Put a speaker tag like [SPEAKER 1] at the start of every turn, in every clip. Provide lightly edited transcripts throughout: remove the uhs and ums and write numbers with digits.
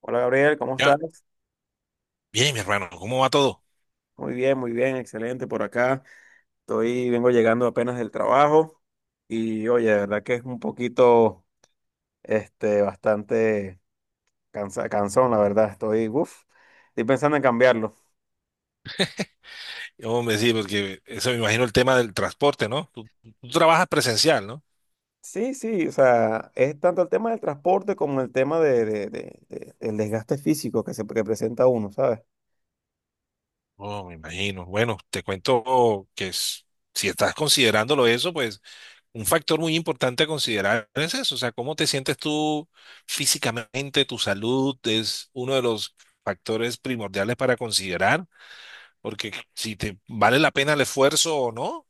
[SPEAKER 1] Hola Gabriel, ¿cómo
[SPEAKER 2] Ya,
[SPEAKER 1] estás?
[SPEAKER 2] bien, mi hermano, ¿cómo va todo?
[SPEAKER 1] Muy bien, excelente por acá. Vengo llegando apenas del trabajo. Y oye, de verdad que es un poquito, bastante cansón, la verdad. Uff, estoy pensando en cambiarlo.
[SPEAKER 2] Hombre, sí, porque eso me imagino el tema del transporte, ¿no? Tú trabajas presencial, ¿no?
[SPEAKER 1] Sí, sí, o sea, es tanto el tema del transporte como el tema del desgaste físico que presenta uno, ¿sabes?
[SPEAKER 2] Oh, me imagino. Bueno, te cuento que si estás considerándolo eso, pues un factor muy importante a considerar es eso, o sea, cómo te sientes tú físicamente, tu salud es uno de los factores primordiales para considerar, porque si te vale la pena el esfuerzo o no,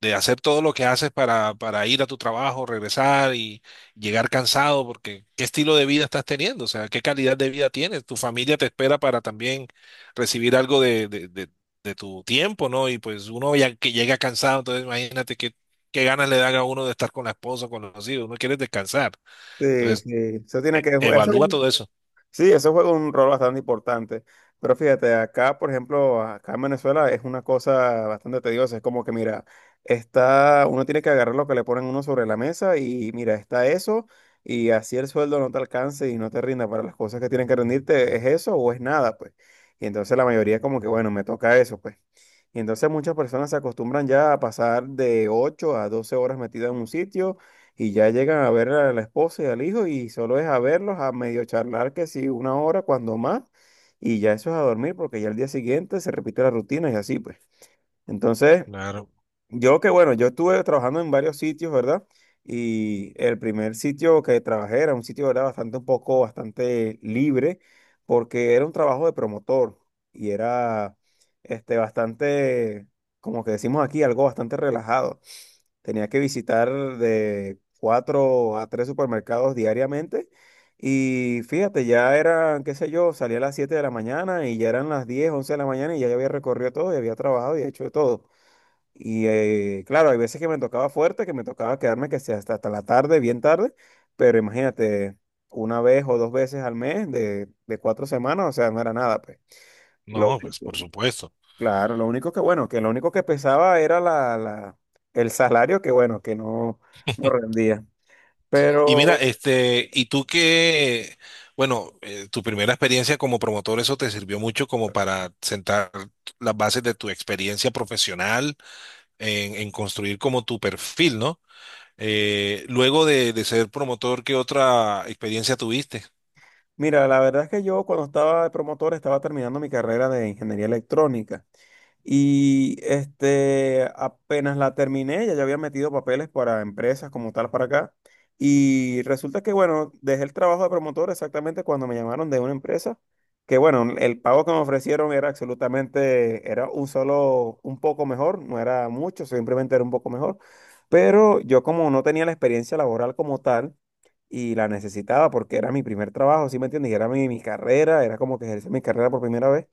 [SPEAKER 2] de hacer todo lo que haces para ir a tu trabajo, regresar y llegar cansado, porque ¿qué estilo de vida estás teniendo? O sea, ¿qué calidad de vida tienes? Tu familia te espera para también recibir algo de tu tiempo, ¿no? Y pues uno ya que llega cansado, entonces imagínate qué ganas le dan a uno de estar con la esposa, con los hijos, uno quiere descansar.
[SPEAKER 1] Sí,
[SPEAKER 2] Entonces,
[SPEAKER 1] sí, eso tiene que, eso.
[SPEAKER 2] evalúa todo eso.
[SPEAKER 1] Sí, eso juega un rol bastante importante. Pero fíjate, acá, por ejemplo, acá en Venezuela es una cosa bastante tediosa. Es como que, mira, está, uno tiene que agarrar lo que le ponen uno sobre la mesa. Y mira, está eso, y así el sueldo no te alcance y no te rinda para las cosas que tienen que rendirte, es eso o es nada, pues. Y entonces la mayoría como que, bueno, me toca eso, pues. Y entonces muchas personas se acostumbran ya a pasar de 8 a 12 horas metidas en un sitio, y ya llegan a ver a la esposa y al hijo, y solo es a verlos, a medio charlar que sí, una hora cuando más, y ya eso es a dormir, porque ya el día siguiente se repite la rutina, y así pues. Entonces,
[SPEAKER 2] Claro.
[SPEAKER 1] yo estuve trabajando en varios sitios, ¿verdad? Y el primer sitio que trabajé era un sitio, ¿verdad? Bastante libre, porque era un trabajo de promotor. Y era, bastante, como que decimos aquí, algo bastante relajado. Tenía que visitar de cuatro a tres supermercados diariamente. Y fíjate, ya eran, qué sé yo, salía a las 7 de la mañana y ya eran las 10 11 de la mañana, y ya yo había recorrido todo y había trabajado y hecho de todo. Y claro, hay veces que me tocaba fuerte, que me tocaba quedarme que sea hasta, la tarde, bien tarde, pero imagínate, una vez o dos veces al mes de 4 semanas, o sea, no era nada, pues. Lo,
[SPEAKER 2] No, pues por supuesto.
[SPEAKER 1] Claro, lo único que, bueno, que lo único que pesaba era el salario, que bueno, que no rendía.
[SPEAKER 2] Y mira,
[SPEAKER 1] Pero.
[SPEAKER 2] y tú qué bueno, tu primera experiencia como promotor, eso te sirvió mucho como para sentar las bases de tu experiencia profesional en construir como tu perfil, ¿no? Luego de ser promotor, ¿qué otra experiencia tuviste?
[SPEAKER 1] Mira, la verdad es que yo cuando estaba de promotor estaba terminando mi carrera de ingeniería electrónica, y apenas la terminé, ya yo había metido papeles para empresas como tal para acá. Y resulta que bueno, dejé el trabajo de promotor exactamente cuando me llamaron de una empresa que bueno, el pago que me ofrecieron era absolutamente, era un solo, un poco mejor, no era mucho, simplemente era un poco mejor. Pero yo como no tenía la experiencia laboral como tal, y la necesitaba porque era mi primer trabajo, ¿sí me entiendes? Y era mi carrera, era como que ejercer mi carrera por primera vez.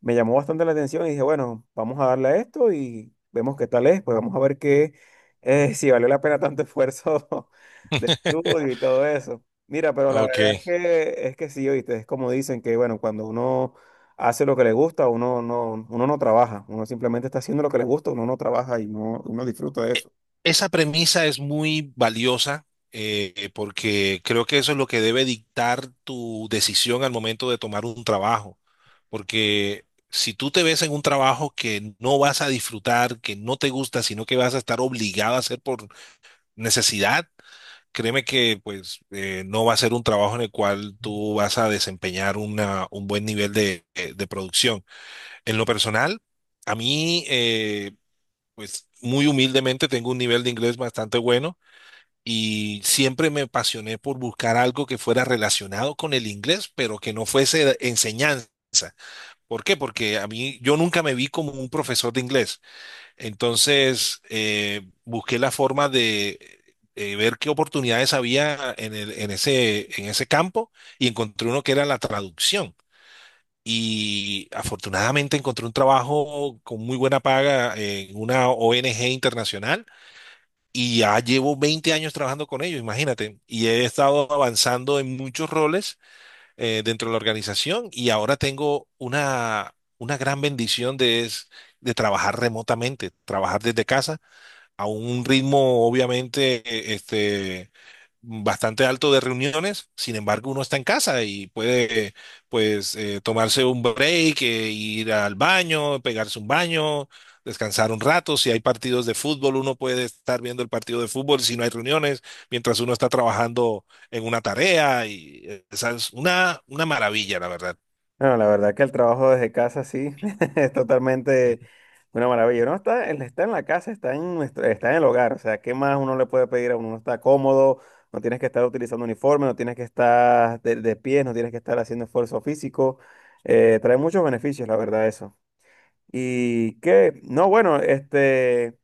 [SPEAKER 1] Me llamó bastante la atención y dije, bueno, vamos a darle a esto y vemos qué tal es, pues vamos a ver qué, si valió la pena tanto esfuerzo de estudio y todo eso. Mira, pero la
[SPEAKER 2] Ok.
[SPEAKER 1] verdad es que sí, oíste, es como dicen que, bueno, cuando uno hace lo que le gusta, uno no trabaja, uno simplemente está haciendo lo que le gusta, uno no trabaja y no, uno disfruta de eso.
[SPEAKER 2] Esa premisa es muy valiosa, porque creo que eso es lo que debe dictar tu decisión al momento de tomar un trabajo. Porque si tú te ves en un trabajo que no vas a disfrutar, que no te gusta, sino que vas a estar obligado a hacer por necesidad, créeme que pues no va a ser un trabajo en el cual tú vas a desempeñar un buen nivel de producción. En lo personal, a mí, pues muy humildemente tengo un nivel de inglés bastante bueno y siempre me apasioné por buscar algo que fuera relacionado con el inglés, pero que no fuese enseñanza. ¿Por qué? Porque a mí yo nunca me vi como un profesor de inglés. Entonces, busqué la forma de ver qué oportunidades había en en ese campo, y encontré uno que era la traducción. Y afortunadamente encontré un trabajo con muy buena paga en una ONG internacional, y ya llevo 20 años trabajando con ellos, imagínate. Y he estado avanzando en muchos roles dentro de la organización, y ahora tengo una gran bendición de trabajar remotamente, trabajar desde casa a un ritmo obviamente bastante alto de reuniones. Sin embargo, uno está en casa y puede pues tomarse un break, ir al baño, pegarse un baño, descansar un rato. Si hay partidos de fútbol uno puede estar viendo el partido de fútbol si no hay reuniones, mientras uno está trabajando en una tarea, y esa es una maravilla, la verdad.
[SPEAKER 1] Bueno, la verdad que el trabajo desde casa sí es totalmente una maravilla. El está en la casa, está en el hogar. O sea, ¿qué más uno le puede pedir a uno? Uno está cómodo, no tienes que estar utilizando uniforme, no tienes que estar de pies, no tienes que estar haciendo esfuerzo físico. Trae muchos beneficios, la verdad, eso. Y que, no, bueno,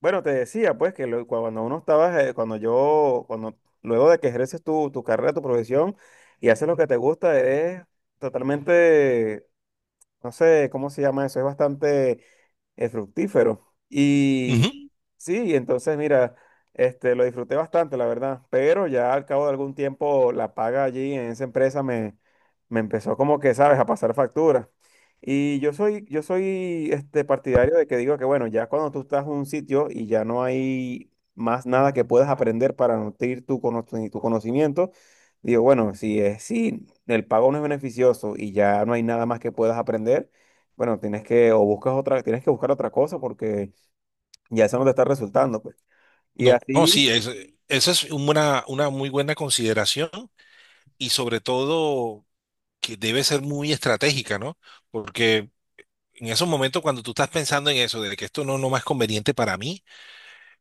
[SPEAKER 1] bueno, te decía pues cuando uno estaba, cuando yo, cuando, luego de que ejerces tu carrera, tu profesión, y haces lo que te gusta, es totalmente, no sé cómo se llama eso, es bastante fructífero. Y
[SPEAKER 2] Ujú.
[SPEAKER 1] sí, entonces mira, lo disfruté bastante, la verdad, pero ya al cabo de algún tiempo la paga allí en esa empresa me empezó como que, sabes, a pasar factura. Y yo soy partidario de que digo que, bueno, ya cuando tú estás en un sitio y ya no hay más nada que puedas aprender para nutrir tu conocimiento, digo, bueno, si el pago no es beneficioso y ya no hay nada más que puedas aprender, bueno, tienes que buscar otra cosa porque ya eso no te está resultando, pues. Y
[SPEAKER 2] No, no, sí,
[SPEAKER 1] así,
[SPEAKER 2] es, esa es una muy buena consideración, y sobre todo que debe ser muy estratégica, ¿no? Porque en esos momentos cuando tú estás pensando en eso, de que esto no, no más conveniente para mí,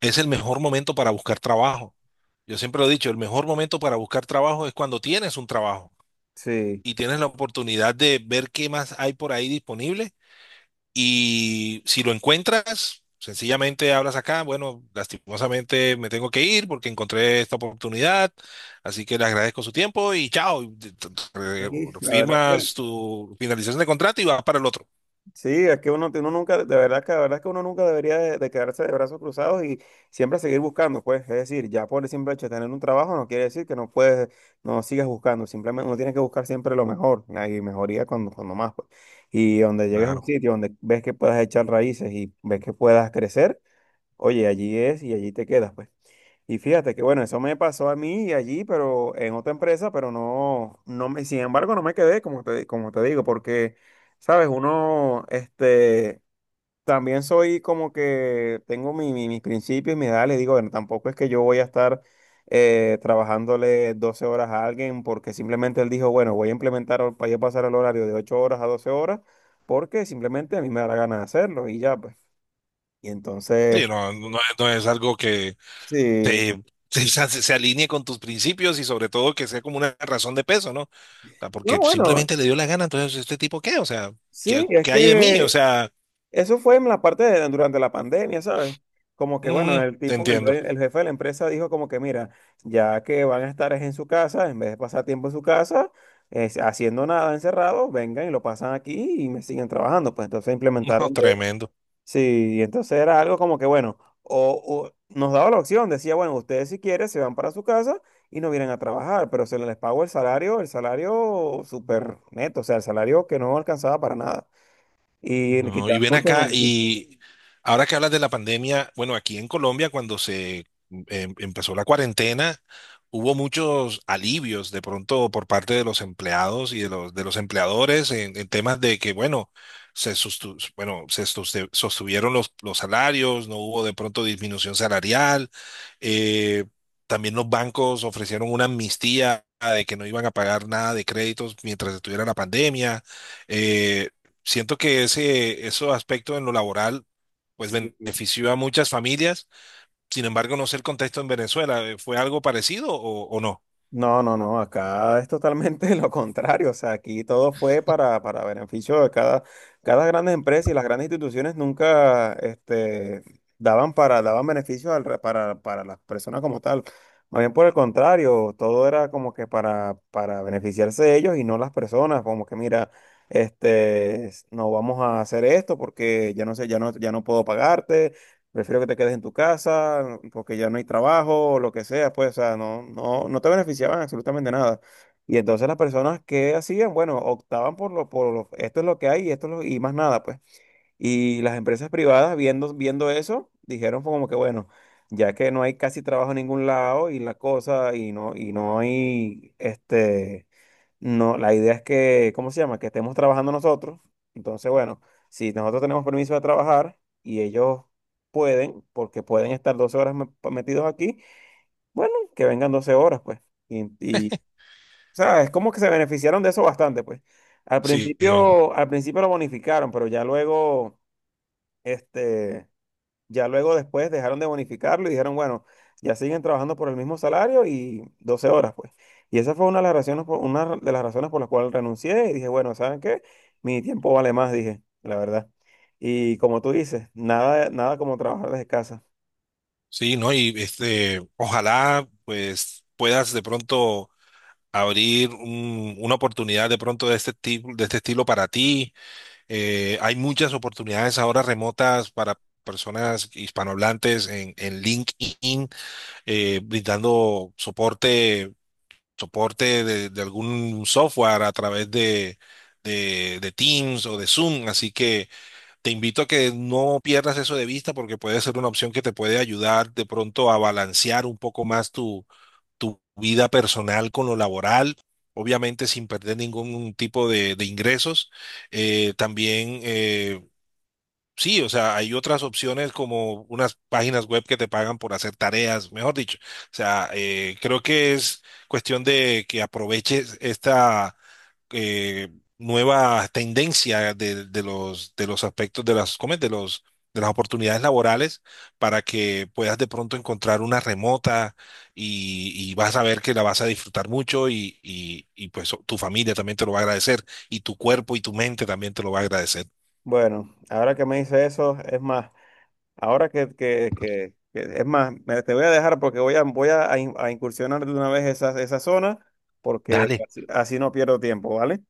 [SPEAKER 2] es el mejor momento para buscar trabajo. Yo siempre lo he dicho, el mejor momento para buscar trabajo es cuando tienes un trabajo
[SPEAKER 1] sí,
[SPEAKER 2] y tienes la oportunidad de ver qué más hay por ahí disponible, y si lo encuentras, sencillamente hablas acá, bueno, lastimosamente me tengo que ir porque encontré esta oportunidad, así que le agradezco su tiempo y chao, y
[SPEAKER 1] sí, la verdad, bueno,
[SPEAKER 2] firmas tu finalización de contrato y vas para el otro.
[SPEAKER 1] sí, es que uno nunca, la verdad que uno nunca debería de quedarse de brazos cruzados, y siempre seguir buscando, pues. Es decir, ya por el simple hecho de tener un trabajo no quiere decir que no puedes, no sigas buscando, simplemente uno tiene que buscar siempre lo mejor, hay mejoría cuando más, pues. Y donde llegues a un
[SPEAKER 2] Claro.
[SPEAKER 1] sitio donde ves que puedas echar raíces y ves que puedas crecer, oye, allí es y allí te quedas, pues. Y fíjate que bueno, eso me pasó a mí y allí, pero en otra empresa, pero no, no me, sin embargo, no me quedé, como te digo, porque, sabes, uno, también soy como que tengo mis principios, mis ideales, digo, bueno, tampoco es que yo voy a estar trabajándole 12 horas a alguien, porque simplemente él dijo, bueno, voy a pasar el horario de 8 horas a 12 horas, porque simplemente a mí me da la gana de hacerlo y ya, pues. Y
[SPEAKER 2] Sí,
[SPEAKER 1] entonces,
[SPEAKER 2] no, no, no, no es algo que
[SPEAKER 1] sí.
[SPEAKER 2] te se alinee con tus principios, y sobre todo que sea como una razón de peso, ¿no? O sea, porque
[SPEAKER 1] No, bueno,
[SPEAKER 2] simplemente le dio la gana, entonces, ¿este tipo qué? O sea, ¿qué,
[SPEAKER 1] sí, es
[SPEAKER 2] qué hay de mí? O
[SPEAKER 1] que
[SPEAKER 2] sea,
[SPEAKER 1] eso fue en la parte de durante la pandemia, ¿sabes? Como que, bueno,
[SPEAKER 2] mm,
[SPEAKER 1] el
[SPEAKER 2] te
[SPEAKER 1] tipo, el,
[SPEAKER 2] entiendo.
[SPEAKER 1] rey- el jefe de la empresa dijo como que, mira, ya que van a estar es en su casa, en vez de pasar tiempo en su casa, haciendo nada encerrado, vengan y lo pasan aquí y me siguen trabajando. Pues entonces
[SPEAKER 2] No,
[SPEAKER 1] implementaron.
[SPEAKER 2] tremendo.
[SPEAKER 1] Sí, y entonces era algo como que, bueno, o nos daba la opción, decía, bueno, ustedes si quieren se van para su casa y no vienen a trabajar, pero se les pagó el salario súper neto, o sea, el salario que no alcanzaba para nada. Y
[SPEAKER 2] No, y
[SPEAKER 1] quitaban
[SPEAKER 2] ven
[SPEAKER 1] muchos
[SPEAKER 2] acá,
[SPEAKER 1] beneficios.
[SPEAKER 2] y ahora que hablas de la pandemia, bueno, aquí en Colombia, cuando se empezó la cuarentena, hubo muchos alivios de pronto por parte de los empleados y de los empleadores en temas de que, bueno, se, sustu- bueno, se soste- sostuvieron los salarios, no hubo de pronto disminución salarial, eh, también los bancos ofrecieron una amnistía de que no iban a pagar nada de créditos mientras estuviera la pandemia. eh, Siento que ese, esos aspectos en lo laboral, pues
[SPEAKER 1] Sí.
[SPEAKER 2] benefició a muchas familias. Sin embargo, no sé el contexto en Venezuela. ¿Fue algo parecido o no?
[SPEAKER 1] No, no, no, acá es totalmente lo contrario, o sea, aquí todo fue para beneficio de cada grandes empresa, y las grandes instituciones nunca daban daban beneficios para las personas como tal. Más bien por el contrario, todo era como que para beneficiarse de ellos y no las personas, como que mira, no vamos a hacer esto porque ya no sé, ya no puedo pagarte. Prefiero que te quedes en tu casa porque ya no hay trabajo o lo que sea, pues, o sea, no te beneficiaban absolutamente nada. Y entonces las personas que hacían, bueno, optaban esto es lo que hay, y esto es lo, y más nada, pues. Y las empresas privadas viendo eso, dijeron como que, bueno, ya que no hay casi trabajo en ningún lado y la cosa, y no hay, no, la idea es que, ¿cómo se llama? Que estemos trabajando nosotros. Entonces, bueno, si nosotros tenemos permiso de trabajar y ellos pueden, porque pueden estar 12 horas metidos aquí, bueno, que vengan 12 horas, pues. O sea, es como que se beneficiaron de eso bastante, pues. Al
[SPEAKER 2] Sí,
[SPEAKER 1] principio, al principio lo bonificaron, pero este, ya luego después dejaron de bonificarlo, y dijeron, bueno, ya siguen trabajando por el mismo salario y 12 horas, pues. Y esa fue una de las razones por las cuales renuncié, y dije, bueno, ¿saben qué? Mi tiempo vale más, dije, la verdad. Y como tú dices, nada, nada como trabajar desde casa.
[SPEAKER 2] sí, ¿no? Y este, ojalá, pues, puedas de pronto abrir una oportunidad de pronto de este tipo, de este estilo para ti. Hay muchas oportunidades ahora remotas para personas hispanohablantes en LinkedIn, brindando soporte soporte de algún software a través de Teams o de Zoom. Así que te invito a que no pierdas eso de vista porque puede ser una opción que te puede ayudar de pronto a balancear un poco más tu, tu vida personal con lo laboral. Obviamente sin perder ningún tipo de ingresos. También Sí, o sea, hay otras opciones como unas páginas web que te pagan por hacer tareas, mejor dicho. O sea, creo que es cuestión de que aproveches esta eh, nueva tendencia de los aspectos de las, ¿cómo es? De los, de las oportunidades laborales para que puedas de pronto encontrar una remota, y vas a ver que la vas a disfrutar mucho, y pues tu familia también te lo va a agradecer, y tu cuerpo y tu mente también te lo va a agradecer.
[SPEAKER 1] Bueno, ahora que me dice eso, es más, ahora es más, te voy a dejar porque voy a, voy a in- a incursionar de una vez esa zona, porque
[SPEAKER 2] Dale.
[SPEAKER 1] así no pierdo tiempo, ¿vale?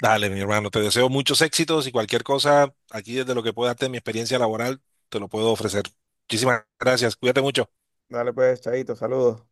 [SPEAKER 2] Dale, mi hermano, te deseo muchos éxitos, y cualquier cosa aquí desde lo que pueda darte mi experiencia laboral, te lo puedo ofrecer. Muchísimas gracias, cuídate mucho.
[SPEAKER 1] Dale pues, chaito, saludos.